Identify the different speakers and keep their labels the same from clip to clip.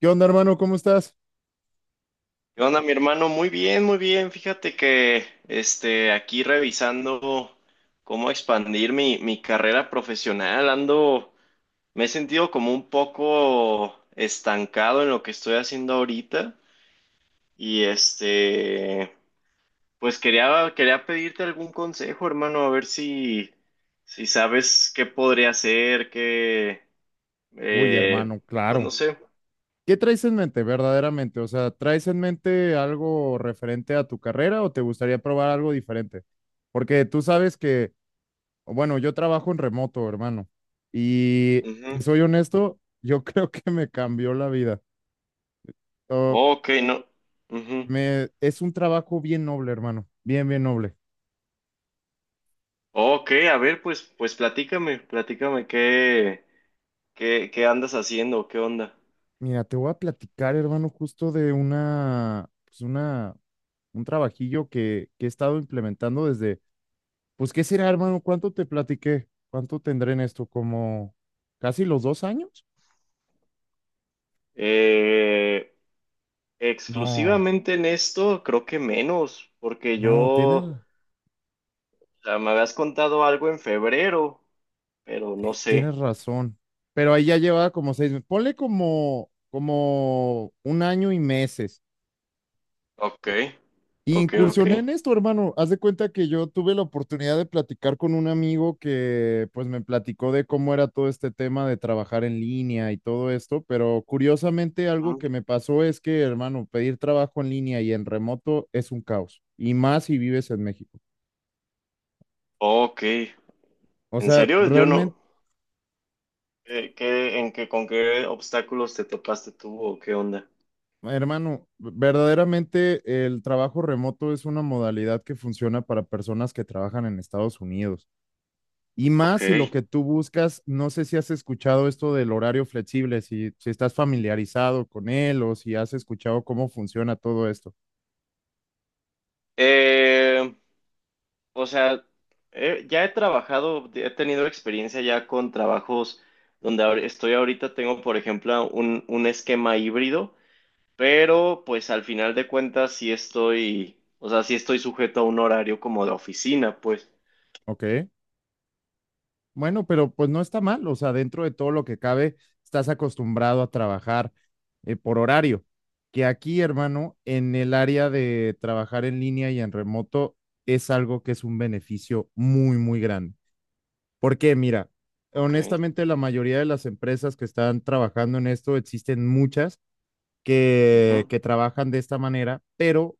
Speaker 1: ¿Qué onda, hermano? ¿Cómo estás?
Speaker 2: ¿Qué onda, mi hermano? Muy bien, muy bien. Fíjate que aquí revisando cómo expandir mi carrera profesional, ando, me he sentido como un poco estancado en lo que estoy haciendo ahorita. Y este, pues quería pedirte algún consejo, hermano, a ver si sabes qué podría hacer,
Speaker 1: Uy,
Speaker 2: eh,
Speaker 1: hermano,
Speaker 2: pues no
Speaker 1: claro.
Speaker 2: sé.
Speaker 1: ¿Qué traes en mente verdaderamente? O sea, ¿traes en mente algo referente a tu carrera o te gustaría probar algo diferente? Porque tú sabes que, bueno, yo trabajo en remoto, hermano. Y
Speaker 2: Ujú.
Speaker 1: te soy honesto, yo creo que me cambió la vida. Oh,
Speaker 2: Ok, no. Ujú.
Speaker 1: es un trabajo bien noble, hermano. Bien, bien noble.
Speaker 2: Ok, a ver, pues, pues platícame qué andas haciendo, qué onda.
Speaker 1: Mira, te voy a platicar, hermano, justo de un trabajillo que he estado implementando desde. Pues, ¿qué será, hermano? ¿Cuánto te platiqué? ¿Cuánto tendré en esto? ¿Como casi los 2 años?
Speaker 2: Eh,
Speaker 1: No,
Speaker 2: exclusivamente en esto, creo que menos, porque
Speaker 1: no,
Speaker 2: o
Speaker 1: tienes,
Speaker 2: sea, me habías contado algo en febrero, pero no
Speaker 1: eh,
Speaker 2: sé.
Speaker 1: tienes razón. Pero ahí ya llevaba como 6 meses. Ponle como un año y meses.
Speaker 2: Ok,
Speaker 1: Y
Speaker 2: ok, ok.
Speaker 1: incursioné en esto, hermano. Haz de cuenta que yo tuve la oportunidad de platicar con un amigo que pues me platicó de cómo era todo este tema de trabajar en línea y todo esto, pero curiosamente algo
Speaker 2: Ujú.
Speaker 1: que me pasó es que, hermano, pedir trabajo en línea y en remoto es un caos, y más si vives en México.
Speaker 2: Ok,
Speaker 1: O
Speaker 2: ¿en
Speaker 1: sea,
Speaker 2: serio? Yo no.
Speaker 1: realmente,
Speaker 2: ¿ con qué obstáculos te topaste tú o qué onda?
Speaker 1: hermano, verdaderamente el trabajo remoto es una modalidad que funciona para personas que trabajan en Estados Unidos. Y
Speaker 2: Ok.
Speaker 1: más si lo que tú buscas, no sé si has escuchado esto del horario flexible, si estás familiarizado con él o si has escuchado cómo funciona todo esto,
Speaker 2: Eh, O sea, ya he trabajado, he tenido experiencia ya con trabajos donde estoy ahorita, tengo por ejemplo un esquema híbrido, pero pues al final de cuentas sí estoy, o sea, sí estoy sujeto a un horario como de oficina, pues.
Speaker 1: ¿ok? Bueno, pero pues no está mal, o sea, dentro de todo lo que cabe, estás acostumbrado a trabajar por horario, que aquí, hermano, en el área de trabajar en línea y en remoto es algo que es un beneficio muy, muy grande. Porque mira,
Speaker 2: Ok.
Speaker 1: honestamente la mayoría de las empresas que están trabajando en esto, existen muchas que,
Speaker 2: Ujú,
Speaker 1: que trabajan de esta manera, pero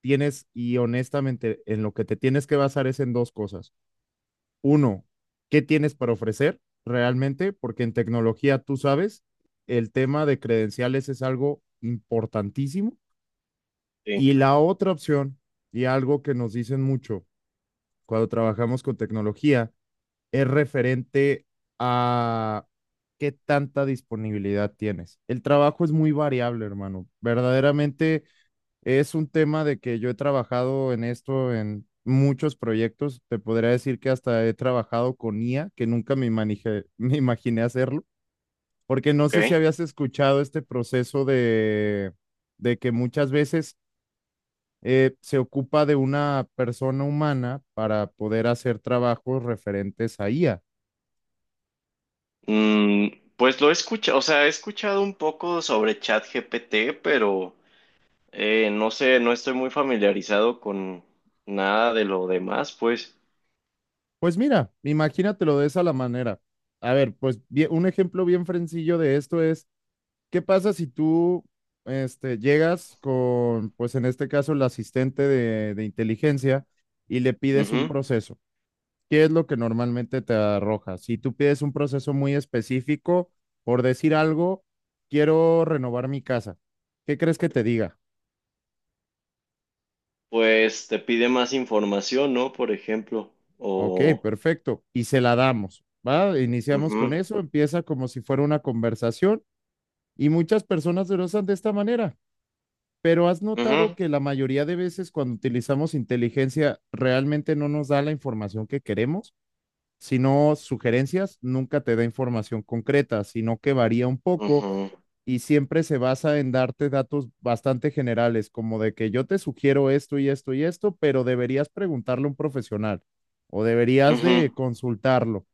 Speaker 1: y honestamente, en lo que te tienes que basar es en dos cosas. Uno, ¿qué tienes para ofrecer realmente? Porque en tecnología, tú sabes, el tema de credenciales es algo importantísimo.
Speaker 2: sí,
Speaker 1: Y la otra opción, y algo que nos dicen mucho cuando trabajamos con tecnología, es referente a qué tanta disponibilidad tienes. El trabajo es muy variable, hermano. Verdaderamente. Es un tema de que yo he trabajado en esto en muchos proyectos. Te podría decir que hasta he trabajado con IA, que nunca me imaginé hacerlo, porque no
Speaker 2: ok.
Speaker 1: sé si habías escuchado este proceso de que muchas veces se ocupa de una persona humana para poder hacer trabajos referentes a IA.
Speaker 2: Mm, pues lo he escuchado, o sea, he escuchado un poco sobre ChatGPT, pero no sé, no estoy muy familiarizado con nada de lo demás, pues.
Speaker 1: Pues mira, imagínatelo de esa la manera. A ver, un ejemplo bien sencillo de esto es. ¿Qué pasa si tú llegas con, pues en este caso, el asistente de inteligencia y le pides un proceso? ¿Qué es lo que normalmente te arroja? Si tú pides un proceso muy específico, por decir algo, quiero renovar mi casa. ¿Qué crees que te diga?
Speaker 2: Pues te pide más información, ¿no? Por ejemplo,
Speaker 1: Ok,
Speaker 2: o...
Speaker 1: perfecto. Y se la damos, ¿va? Iniciamos con
Speaker 2: Ujú,
Speaker 1: eso, empieza como si fuera una conversación y muchas personas se lo usan de esta manera. Pero has notado
Speaker 2: ujú,
Speaker 1: que la mayoría de veces cuando utilizamos inteligencia realmente no nos da la información que queremos, sino sugerencias, nunca te da información concreta, sino que varía un poco
Speaker 2: ujú,
Speaker 1: y siempre se basa en darte datos bastante generales, como de que yo te sugiero esto y esto y esto, pero deberías preguntarle a un profesional o deberías de
Speaker 2: ujú.
Speaker 1: consultarlo.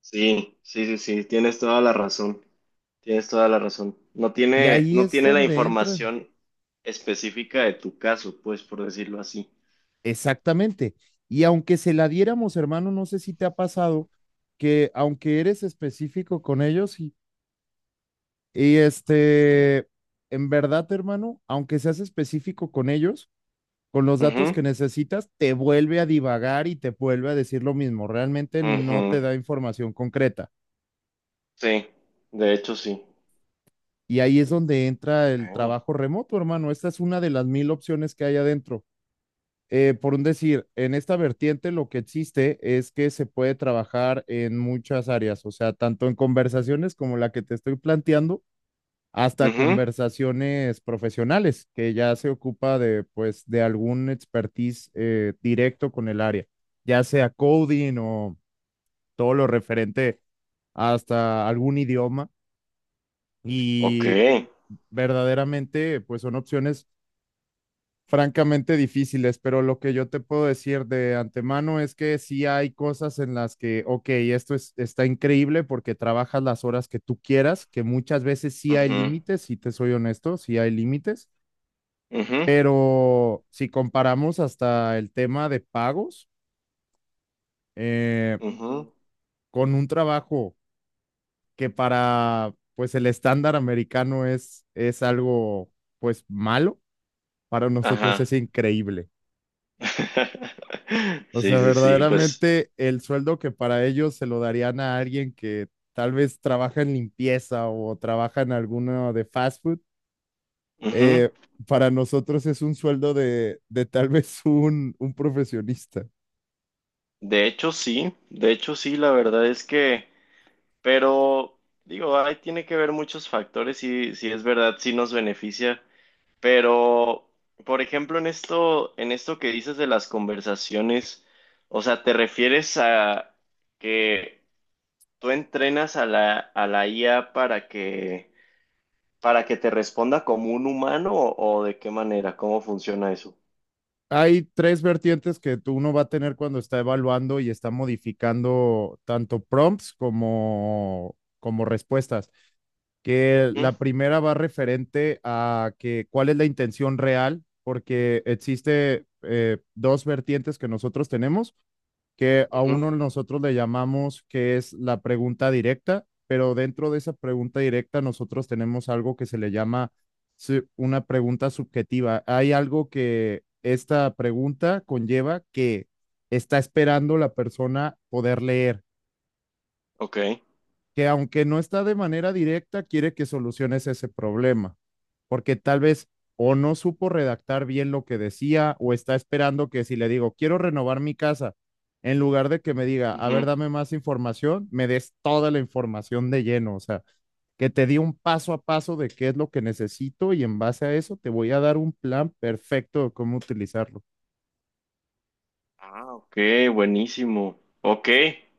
Speaker 2: Sí, sí, sí, sí, tienes toda la razón, tienes toda la razón. No
Speaker 1: Y ahí
Speaker 2: no
Speaker 1: es
Speaker 2: tiene la
Speaker 1: donde entra.
Speaker 2: información específica de tu caso, pues, por decirlo así.
Speaker 1: Exactamente. Y aunque se la diéramos, hermano, no sé si te ha pasado que aunque eres específico con ellos y este, en verdad, hermano, aunque seas específico con ellos, con los datos
Speaker 2: Ujú,
Speaker 1: que necesitas, te vuelve a divagar y te vuelve a decir lo mismo. Realmente no
Speaker 2: ujú.
Speaker 1: te da información concreta.
Speaker 2: Sí, de hecho sí.
Speaker 1: Y ahí es donde entra el
Speaker 2: Okay.
Speaker 1: trabajo remoto, hermano. Esta es una de las mil opciones que hay adentro. Por un decir, en esta vertiente lo que existe es que se puede trabajar en muchas áreas, o sea, tanto en conversaciones como la que te estoy planteando, hasta
Speaker 2: Ujú,
Speaker 1: conversaciones profesionales, que ya se ocupa de, pues, de algún expertise directo con el área, ya sea coding o todo lo referente hasta algún idioma.
Speaker 2: ok.
Speaker 1: Y verdaderamente, pues son opciones francamente difíciles, pero lo que yo te puedo decir de antemano es que sí hay cosas en las que, ok, está increíble porque trabajas las horas que tú quieras, que muchas veces sí hay
Speaker 2: Ujú,
Speaker 1: límites, si te soy honesto, sí hay límites,
Speaker 2: ujú,
Speaker 1: pero si comparamos hasta el tema de pagos, eh,
Speaker 2: ujú.
Speaker 1: con un trabajo que para, pues, el estándar americano es algo, pues, malo, para nosotros
Speaker 2: Ajá.
Speaker 1: es increíble. O
Speaker 2: Sí,
Speaker 1: sea,
Speaker 2: sí, sí, pues.
Speaker 1: verdaderamente el sueldo que para ellos se lo darían a alguien que tal vez trabaja en limpieza o trabaja en alguno de fast food,
Speaker 2: Ujú.
Speaker 1: eh, para nosotros es un sueldo de tal vez un profesionista.
Speaker 2: De hecho, sí, la verdad es pero digo, ahí tiene que ver muchos factores y si es verdad, sí nos beneficia, pero, por ejemplo, en esto que dices de las conversaciones, o sea, ¿te refieres a que tú entrenas a a la IA para para que te responda como un humano o de qué manera? ¿Cómo funciona eso?
Speaker 1: Hay tres vertientes que tú uno va a tener cuando está evaluando y está modificando tanto prompts como respuestas. Que
Speaker 2: Ujú,
Speaker 1: la primera va referente a que cuál es la intención real, porque existe dos vertientes que nosotros tenemos, que a
Speaker 2: ujú,
Speaker 1: uno nosotros le llamamos que es la pregunta directa, pero dentro de esa pregunta directa nosotros tenemos algo que se le llama una pregunta subjetiva. Hay algo que esta pregunta conlleva que está esperando la persona poder leer
Speaker 2: ok.
Speaker 1: que aunque no está de manera directa, quiere que soluciones ese problema, porque tal vez o no supo redactar bien lo que decía o está esperando que si le digo, quiero renovar mi casa, en lugar de que me diga, a ver, dame más información, me des toda la información de lleno, o sea, que te di un paso a paso de qué es lo que necesito y en base a eso te voy a dar un plan perfecto de cómo utilizarlo.
Speaker 2: Ah, ok, buenísimo. Ok,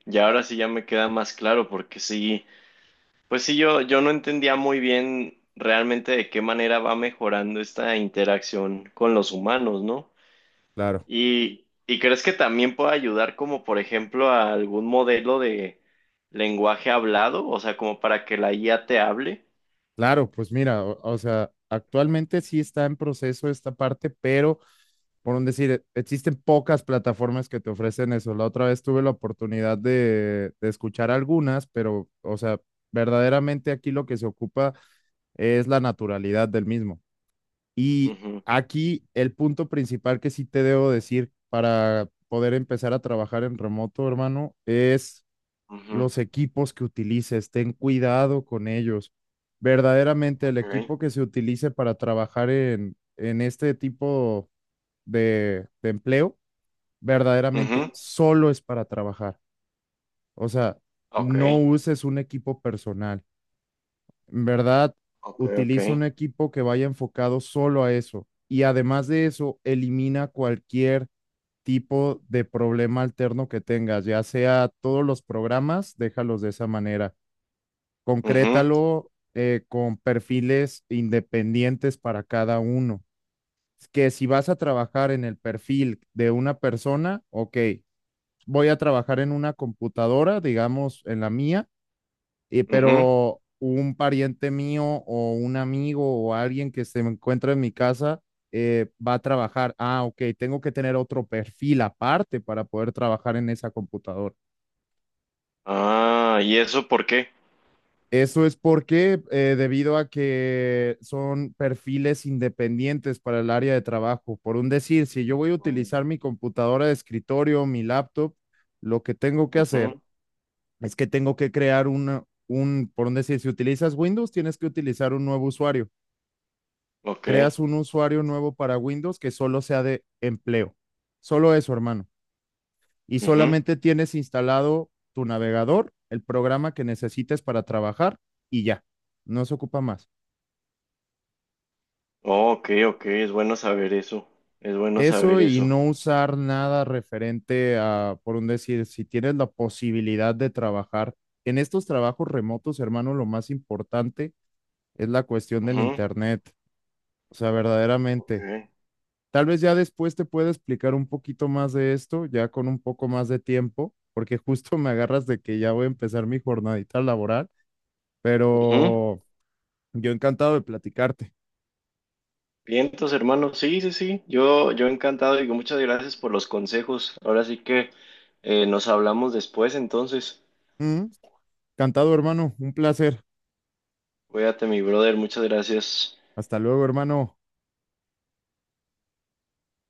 Speaker 2: ya ahora sí ya me queda más claro porque sí, pues sí, yo no entendía muy bien realmente de qué manera va mejorando esta interacción con los humanos, ¿no?
Speaker 1: Claro.
Speaker 2: Y crees que también puede ayudar como por ejemplo a algún modelo de lenguaje hablado, o sea, como para que la IA te hable.
Speaker 1: Claro, pues mira, o sea, actualmente sí está en proceso esta parte, pero por un decir, existen pocas plataformas que te ofrecen eso. La otra vez tuve la oportunidad de escuchar algunas, pero, o sea, verdaderamente aquí lo que se ocupa es la naturalidad del mismo. Y
Speaker 2: Ujú,
Speaker 1: aquí el punto principal que sí te debo decir para poder empezar a trabajar en remoto, hermano, es
Speaker 2: ujú,
Speaker 1: los equipos que utilices, ten cuidado con ellos. Verdaderamente el
Speaker 2: ok,
Speaker 1: equipo que se utilice para trabajar en este tipo de empleo, verdaderamente
Speaker 2: ujú,
Speaker 1: solo es para trabajar. O sea,
Speaker 2: ok,
Speaker 1: no uses un equipo personal. En verdad,
Speaker 2: ok, ok,
Speaker 1: utiliza un equipo que vaya enfocado solo a eso. Y además de eso, elimina cualquier tipo de problema alterno que tengas, ya sea todos los programas, déjalos de esa manera.
Speaker 2: ujú,
Speaker 1: Concrétalo con perfiles independientes para cada uno. Que si vas a trabajar en el perfil de una persona, ok, voy a trabajar en una computadora, digamos, en la mía,
Speaker 2: ujú.
Speaker 1: pero un pariente mío o un amigo o alguien que se encuentra en mi casa va a trabajar. Ah, ok, tengo que tener otro perfil aparte para poder trabajar en esa computadora.
Speaker 2: Ah, ¿y eso por qué?
Speaker 1: Eso es debido a que son perfiles independientes para el área de trabajo. Por un decir, si yo voy a utilizar mi computadora de escritorio, mi laptop, lo que tengo que hacer
Speaker 2: Ujú,
Speaker 1: es que tengo que crear. Por un decir, si utilizas Windows, tienes que utilizar un nuevo usuario.
Speaker 2: ok,
Speaker 1: Creas un usuario nuevo para Windows que solo sea de empleo. Solo eso, hermano. Y
Speaker 2: ujú.
Speaker 1: solamente tienes instalado tu navegador, el programa que necesites para trabajar y ya. No se ocupa más.
Speaker 2: Oh, ok, ok, es bueno saber eso, es bueno saber
Speaker 1: Eso y
Speaker 2: eso.
Speaker 1: no usar nada referente a, por un decir, si tienes la posibilidad de trabajar en estos trabajos remotos, hermano, lo más importante es la cuestión del
Speaker 2: Ujú,
Speaker 1: internet. O sea,
Speaker 2: ok,
Speaker 1: verdaderamente. Tal vez ya después te pueda explicar un poquito más de esto, ya con un poco más de tiempo, porque justo me agarras de que ya voy a empezar mi jornadita laboral,
Speaker 2: ujú.
Speaker 1: pero yo encantado de platicarte.
Speaker 2: Bien, entonces, hermano, sí, sí, sí, yo encantado, digo, muchas gracias por los consejos. Ahora sí que nos hablamos después, entonces,
Speaker 1: Mm, Encantado, hermano. Un placer.
Speaker 2: cuídate, mi brother, muchas gracias.
Speaker 1: Hasta luego, hermano.